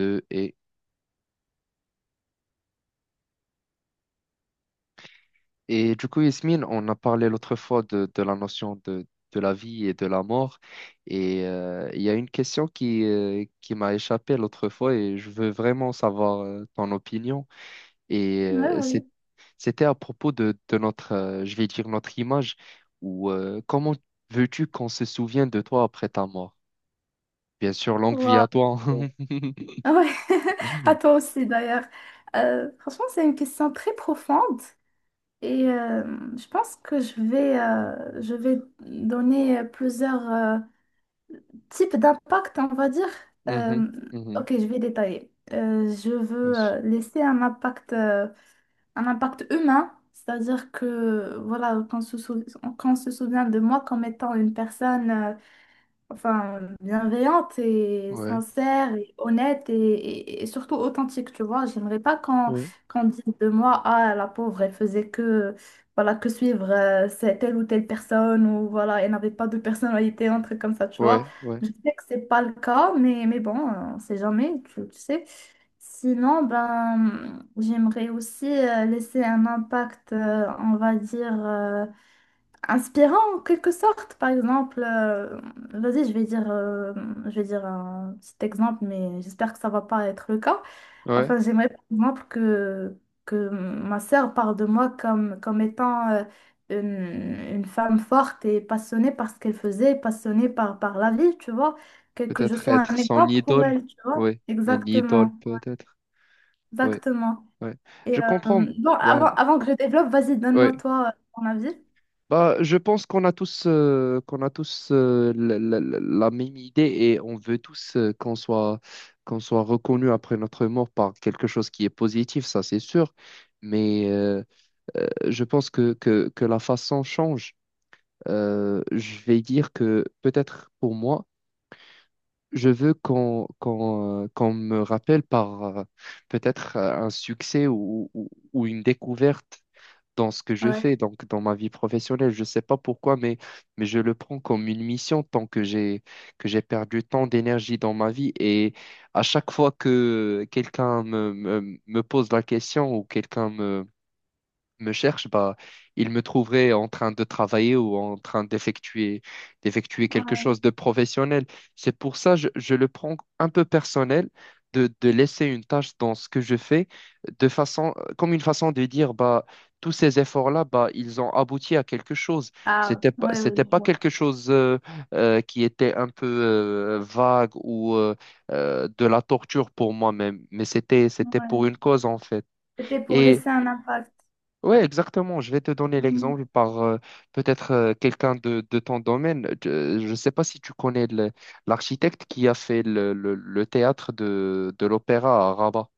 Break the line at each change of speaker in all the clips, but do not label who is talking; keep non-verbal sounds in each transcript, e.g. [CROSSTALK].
Euh, et, du coup, Yasmine, on a parlé l'autre fois de la notion de la vie et de la mort. Il y a une question qui m'a échappé l'autre fois et je veux vraiment savoir ton opinion. Et
Ouais,
euh,
vas-y.
c'est- C'était à propos de notre, je vais dire, notre image ou comment veux-tu qu'on se souvienne de toi après ta mort? Bien sûr, longue vie à
Waouh.
toi. [LAUGHS]
Ah ouais. [LAUGHS] À
Mhm,
toi aussi d'ailleurs. Franchement, c'est une question très profonde et je pense que je vais donner plusieurs types d'impact, on va dire.
mhm,
Euh,
mhm.
ok, je vais détailler. Je veux laisser un impact humain, c'est-à-dire que voilà, qu'on se souvient de moi comme étant une personne. Enfin, bienveillante et
Ouais,
sincère et honnête et surtout authentique, tu vois. J'aimerais pas qu'on
ouais,
qu'on dise de moi, ah, la pauvre, elle faisait que, voilà, que suivre telle ou telle personne ou voilà, elle n'avait pas de personnalité, un truc comme ça, tu vois.
ouais, ouais,
Je sais que c'est pas le cas, mais bon, on sait jamais, tu sais. Sinon, ben, j'aimerais aussi laisser un impact, on va dire. Inspirant en quelque sorte, par exemple, vas-y, je vais dire un petit exemple, mais j'espère que ça va pas être le cas.
ouais.
Enfin, j'aimerais par exemple que ma sœur parle de moi comme, comme étant une, une femme forte et passionnée par ce qu'elle faisait, passionnée par, par la vie, tu vois, que je
Peut-être
sois un
être son
exemple pour
idole.
elle, tu vois.
Oui, un idole
Exactement,
peut-être. Oui,
exactement.
oui.
Et
Je comprends.
bon,
Bah,
avant, avant que je développe, vas-y, donne-moi
oui.
toi ton avis.
Bah, je pense qu'on a tous, la même idée et on veut tous qu'on soit reconnu après notre mort par quelque chose qui est positif, ça c'est sûr. Mais je pense que la façon change. Je vais dire que peut-être pour moi, je veux qu'on me rappelle par peut-être un succès ou une découverte dans ce que je fais,
Ouais.
donc dans ma vie professionnelle. Je ne sais pas pourquoi, mais je le prends comme une mission tant que j'ai perdu tant d'énergie dans ma vie. Et à chaque fois que me pose la question ou quelqu'un me cherche, bah, il me trouverait en train de travailler ou en train d'effectuer quelque chose de professionnel. C'est pour ça je le prends un peu personnel de laisser une tâche dans ce que je fais de façon comme une façon de dire bah tous ces efforts-là bah ils ont abouti à quelque chose.
Ah, ouais, ouais, je
C'était pas
vois.
quelque chose qui était un peu vague ou de la torture pour moi-même, mais c'était
Ouais.
pour une cause en fait.
C'était pour
Et
laisser un impact.
Ouais, exactement. Je vais te donner
Mhm.
l'exemple par peut-être quelqu'un de ton domaine. Je ne sais pas si tu connais l'architecte qui a fait le théâtre de l'opéra à Rabat.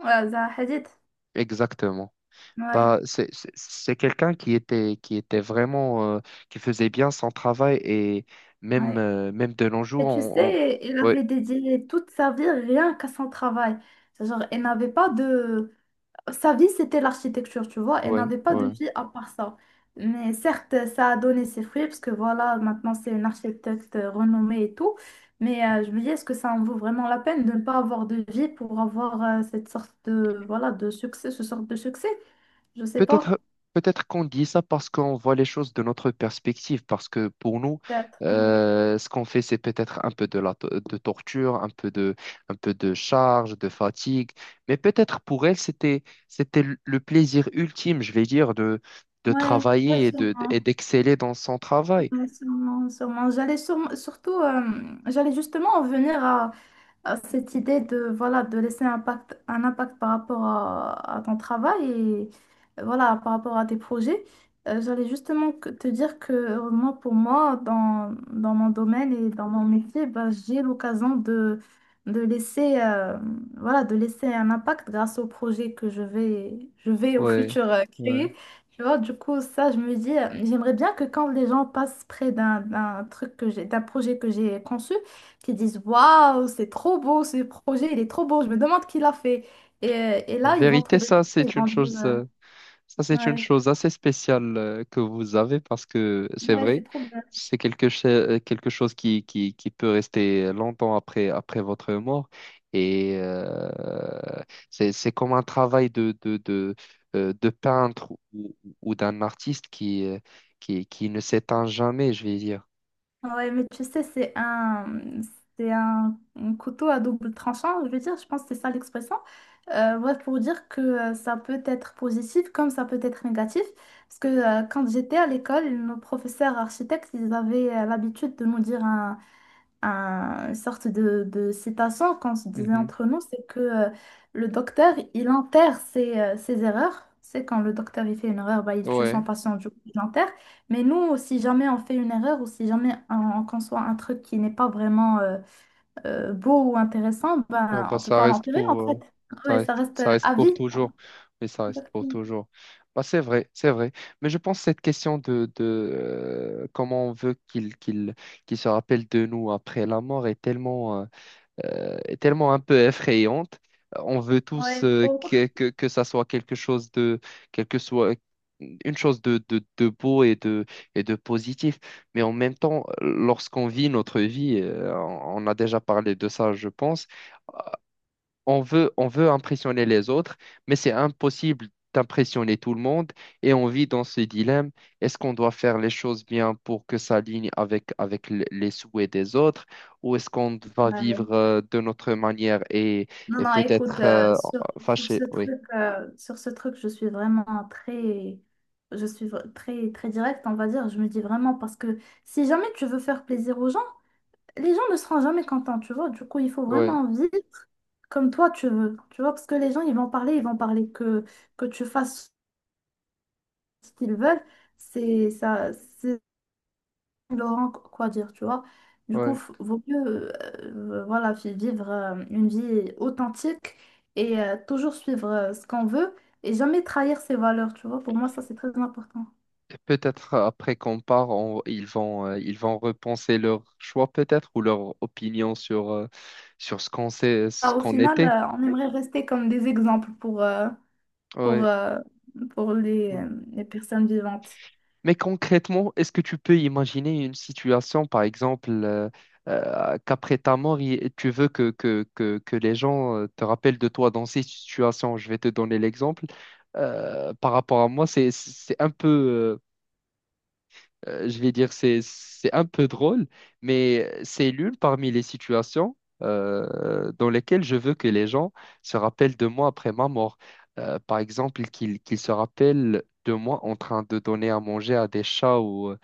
Ouais, Zaha Hadid.
Exactement.
Ouais,
Bah, c'est quelqu'un qui était vraiment, qui faisait bien son travail et même,
ouais.
même de nos jours,
Et tu sais, il
ouais,
avait dédié toute sa vie rien qu'à son travail. Genre, elle n'avait pas de... Sa vie, c'était l'architecture, tu vois. Elle
ouais,
n'avait pas de
ouais.
vie à part ça. Mais certes, ça a donné ses fruits, parce que voilà, maintenant, c'est une architecte renommée et tout. Mais je me dis, est-ce que ça en vaut vraiment la peine de ne pas avoir de vie pour avoir cette sorte de, voilà, de succès, ce sorte de succès? Je sais pas.
Peut-être, peut-être qu'on dit ça parce qu'on voit les choses de notre perspective, parce que pour nous,
Théâtre, ouais.
ce qu'on fait, c'est peut-être un peu de de torture, un peu de charge, de fatigue, mais peut-être pour elle, c'était le plaisir ultime, je vais dire, de
Ouais, ouais,
travailler et
sûrement.
d'exceller dans son travail.
Ouais, sûrement, sûrement. Surtout, j'allais justement en venir à, cette idée de, voilà, de laisser un impact par rapport à ton travail et voilà, par rapport à tes projets. J'allais justement te dire que moi, pour moi, dans, dans mon domaine et dans mon métier, bah, j'ai l'occasion de laisser, voilà, de laisser un impact grâce au projet que je vais au
Ouais,
futur
ouais.
créer. Tu vois, du coup, ça, je me dis, j'aimerais bien que quand les gens passent près d'un truc que j'ai, d'un projet que j'ai conçu, qui disent waouh, c'est trop beau ce projet, il est trop beau, je me demande qui l'a fait. Et
En
là, ils vont
vérité,
trouver,
ça,
ils
c'est une
vont dire
chose. Ça, c'est une
ouais,
chose assez spéciale que vous avez parce que c'est
ouais, c'est
vrai,
trop bien.
quelque chose qui peut rester longtemps après, après votre mort. Et euh, c'est comme un travail de peintre ou d'un artiste qui ne s'éteint jamais, je vais dire.
Ouais, mais tu sais, c'est un couteau à double tranchant, je veux dire, je pense que c'est ça l'expression. Ouais, pour dire que ça peut être positif comme ça peut être négatif. Parce que quand j'étais à l'école, nos professeurs architectes, ils avaient l'habitude de nous dire une sorte de citation qu'on se disait
Mhm.
entre nous, c'est que le docteur, il enterre ses, ses erreurs. C'est quand le docteur il fait une erreur, bah, il tue son
Ouais.
patient, du coup, il l'enterre. Mais nous, si jamais on fait une erreur ou si jamais on, on conçoit un truc qui n'est pas vraiment beau ou intéressant,
Ah
ben,
bah,
on peut pas l'enterrer en fait. Ouais, ça reste
ça reste
à
pour
vie.
toujours. Oui, ça reste pour
Exactement.
toujours. Bah, c'est vrai, c'est vrai. Mais je pense que cette question de comment on veut qu'il se rappelle de nous après la mort est tellement un peu effrayante. On veut tous
Ouais, trop.
que ça soit quelque chose de... quelque soit une chose de beau et de positif. Mais en même temps, lorsqu'on vit notre vie, on a déjà parlé de ça, je pense on veut impressionner les autres, mais c'est impossible d'impressionner tout le monde et on vit dans ce dilemme. Est-ce qu'on doit faire les choses bien pour que ça aligne avec, avec les souhaits des autres ou est-ce qu'on va
Ouais.
vivre de notre manière
Non,
et
non, écoute,
peut-être
sur,
fâché, oui.
sur ce truc, je suis vraiment très, je suis très, très directe, on va dire. Je me dis vraiment parce que si jamais tu veux faire plaisir aux gens, les gens ne seront jamais contents, tu vois. Du coup, il faut
Ouais,
vraiment vivre comme toi tu veux, tu vois, parce que les gens, ils vont parler que tu fasses ce qu'ils veulent. C'est ça, Laurent, quoi dire, tu vois. Du coup,
ouais.
vaut mieux voilà, vivre une vie authentique et toujours suivre ce qu'on veut et jamais trahir ses valeurs, tu vois. Pour moi, ça, c'est très important.
Peut-être après qu'on part, ils vont repenser leur choix peut-être ou leur opinion sur, sur ce qu'on sait, ce
Ah, au
qu'on
final,
était.
on aimerait rester comme des exemples pour,
Ouais.
euh, pour les personnes vivantes.
Mais concrètement, est-ce que tu peux imaginer une situation, par exemple, qu'après ta mort, tu veux que les gens te rappellent de toi dans ces situations? Je vais te donner l'exemple. Par rapport à moi, c'est un peu, je vais dire, c'est un peu drôle, mais c'est l'une parmi les situations dans lesquelles je veux que les gens se rappellent de moi après ma mort. Par exemple, qu'ils se rappellent de moi en train de donner à manger à des chats ou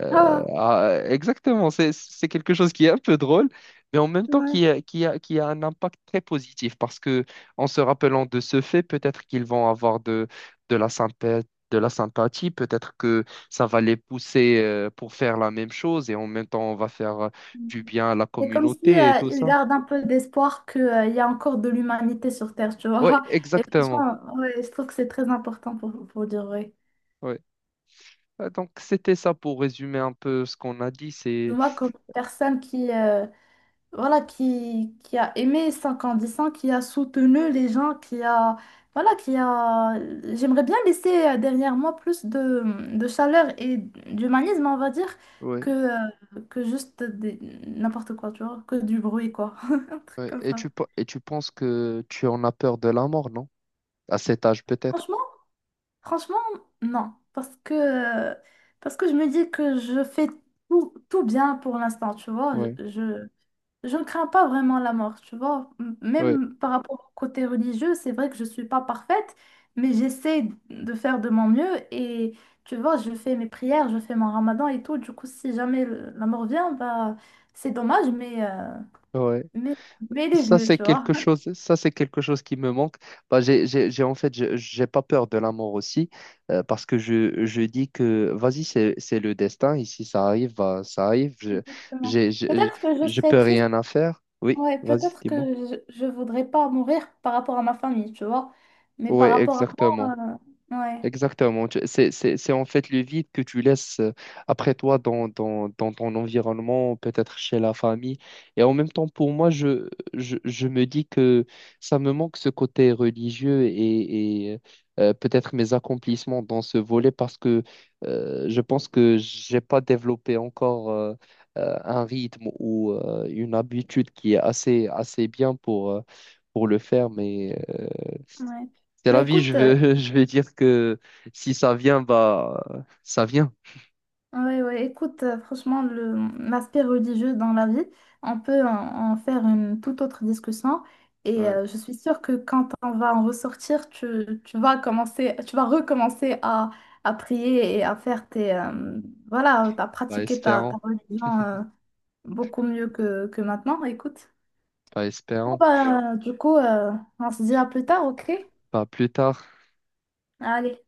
Ah,
exactement, c'est quelque chose qui est un peu drôle, mais en même temps
ouais.
qui a un impact très positif parce que en se rappelant de ce fait, peut-être qu'ils vont avoir de la sympathie, peut-être que ça va les pousser pour faire la même chose et en même temps, on va faire du bien à la
C'est comme si
communauté et tout
ils
ça.
gardent un peu d'espoir qu'il y a encore de l'humanité sur Terre, tu
Oui,
vois. Et
exactement.
franchement, ouais, je trouve que c'est très important pour dire vrai.
Ouais. Ah, donc c'était ça pour résumer un peu ce qu'on a dit. C'est...
Moi, comme personne qui, voilà, qui a aimé 50 ans, qui a soutenu les gens, qui a, voilà, qui a, j'aimerais bien laisser derrière moi plus de chaleur et d'humanisme, on va dire,
Ouais,
que juste des- n'importe quoi, tu vois, que du bruit, quoi. [LAUGHS] Un truc
ouais.
comme
Et
ça.
tu penses que tu en as peur de la mort, non? À cet âge, peut-être.
Franchement, franchement, non. Euh, parce que je me dis que je fais tout, tout bien pour l'instant, tu vois.
Oui,
Je ne crains pas vraiment la mort, tu vois.
oui,
Même par rapport au côté religieux, c'est vrai que je ne suis pas parfaite, mais j'essaie de faire de mon mieux et tu vois, je fais mes prières, je fais mon ramadan et tout. Du coup, si jamais la mort vient, bah, c'est dommage, mais,
oui.
mais, mais elle est
Ça,
venue,
c'est
tu vois.
quelque
[LAUGHS]
chose, ça, c'est quelque chose qui me manque. Bah, en fait, j'ai pas peur de la mort aussi, parce que je dis que, vas-y, c'est le destin. Ici, ça arrive, bah, ça arrive. Je,
Exactement.
j'ai,
Peut-être que je
je
serais
peux
triste,
rien à faire. Oui,
ouais,
vas-y,
peut-être que
dis-moi.
je ne voudrais pas mourir par rapport à ma famille, tu vois. Mais
Oui,
par rapport à
exactement.
moi, ouais,
Exactement. C'est en fait le vide que tu laisses après toi dans, dans, dans ton environnement, peut-être chez la famille. Et en même temps, pour moi, je me dis que ça me manque ce côté religieux et peut-être mes accomplissements dans ce volet parce que je pense que j'ai pas développé encore un rythme ou une habitude qui est assez, assez bien pour le faire. Mais
ouais.
c'est
Bah,
la vie, je
écoute.
veux, [LAUGHS] je vais dire que si ça vient, bah, ça vient.
Oui, oui, écoute, franchement, le, l'aspect religieux dans la vie, on peut en, en faire une toute autre discussion. Et
Ouais,
je suis sûre que quand on va en ressortir, tu vas commencer, tu vas recommencer à prier et à faire tes, voilà, à
pas
pratiquer ta, ta
espérant,
religion beaucoup mieux que maintenant. Écoute,
pas
bon,
espérant,
bah, du coup, on se dit à plus tard, ok?
pas plus tard.
Allez.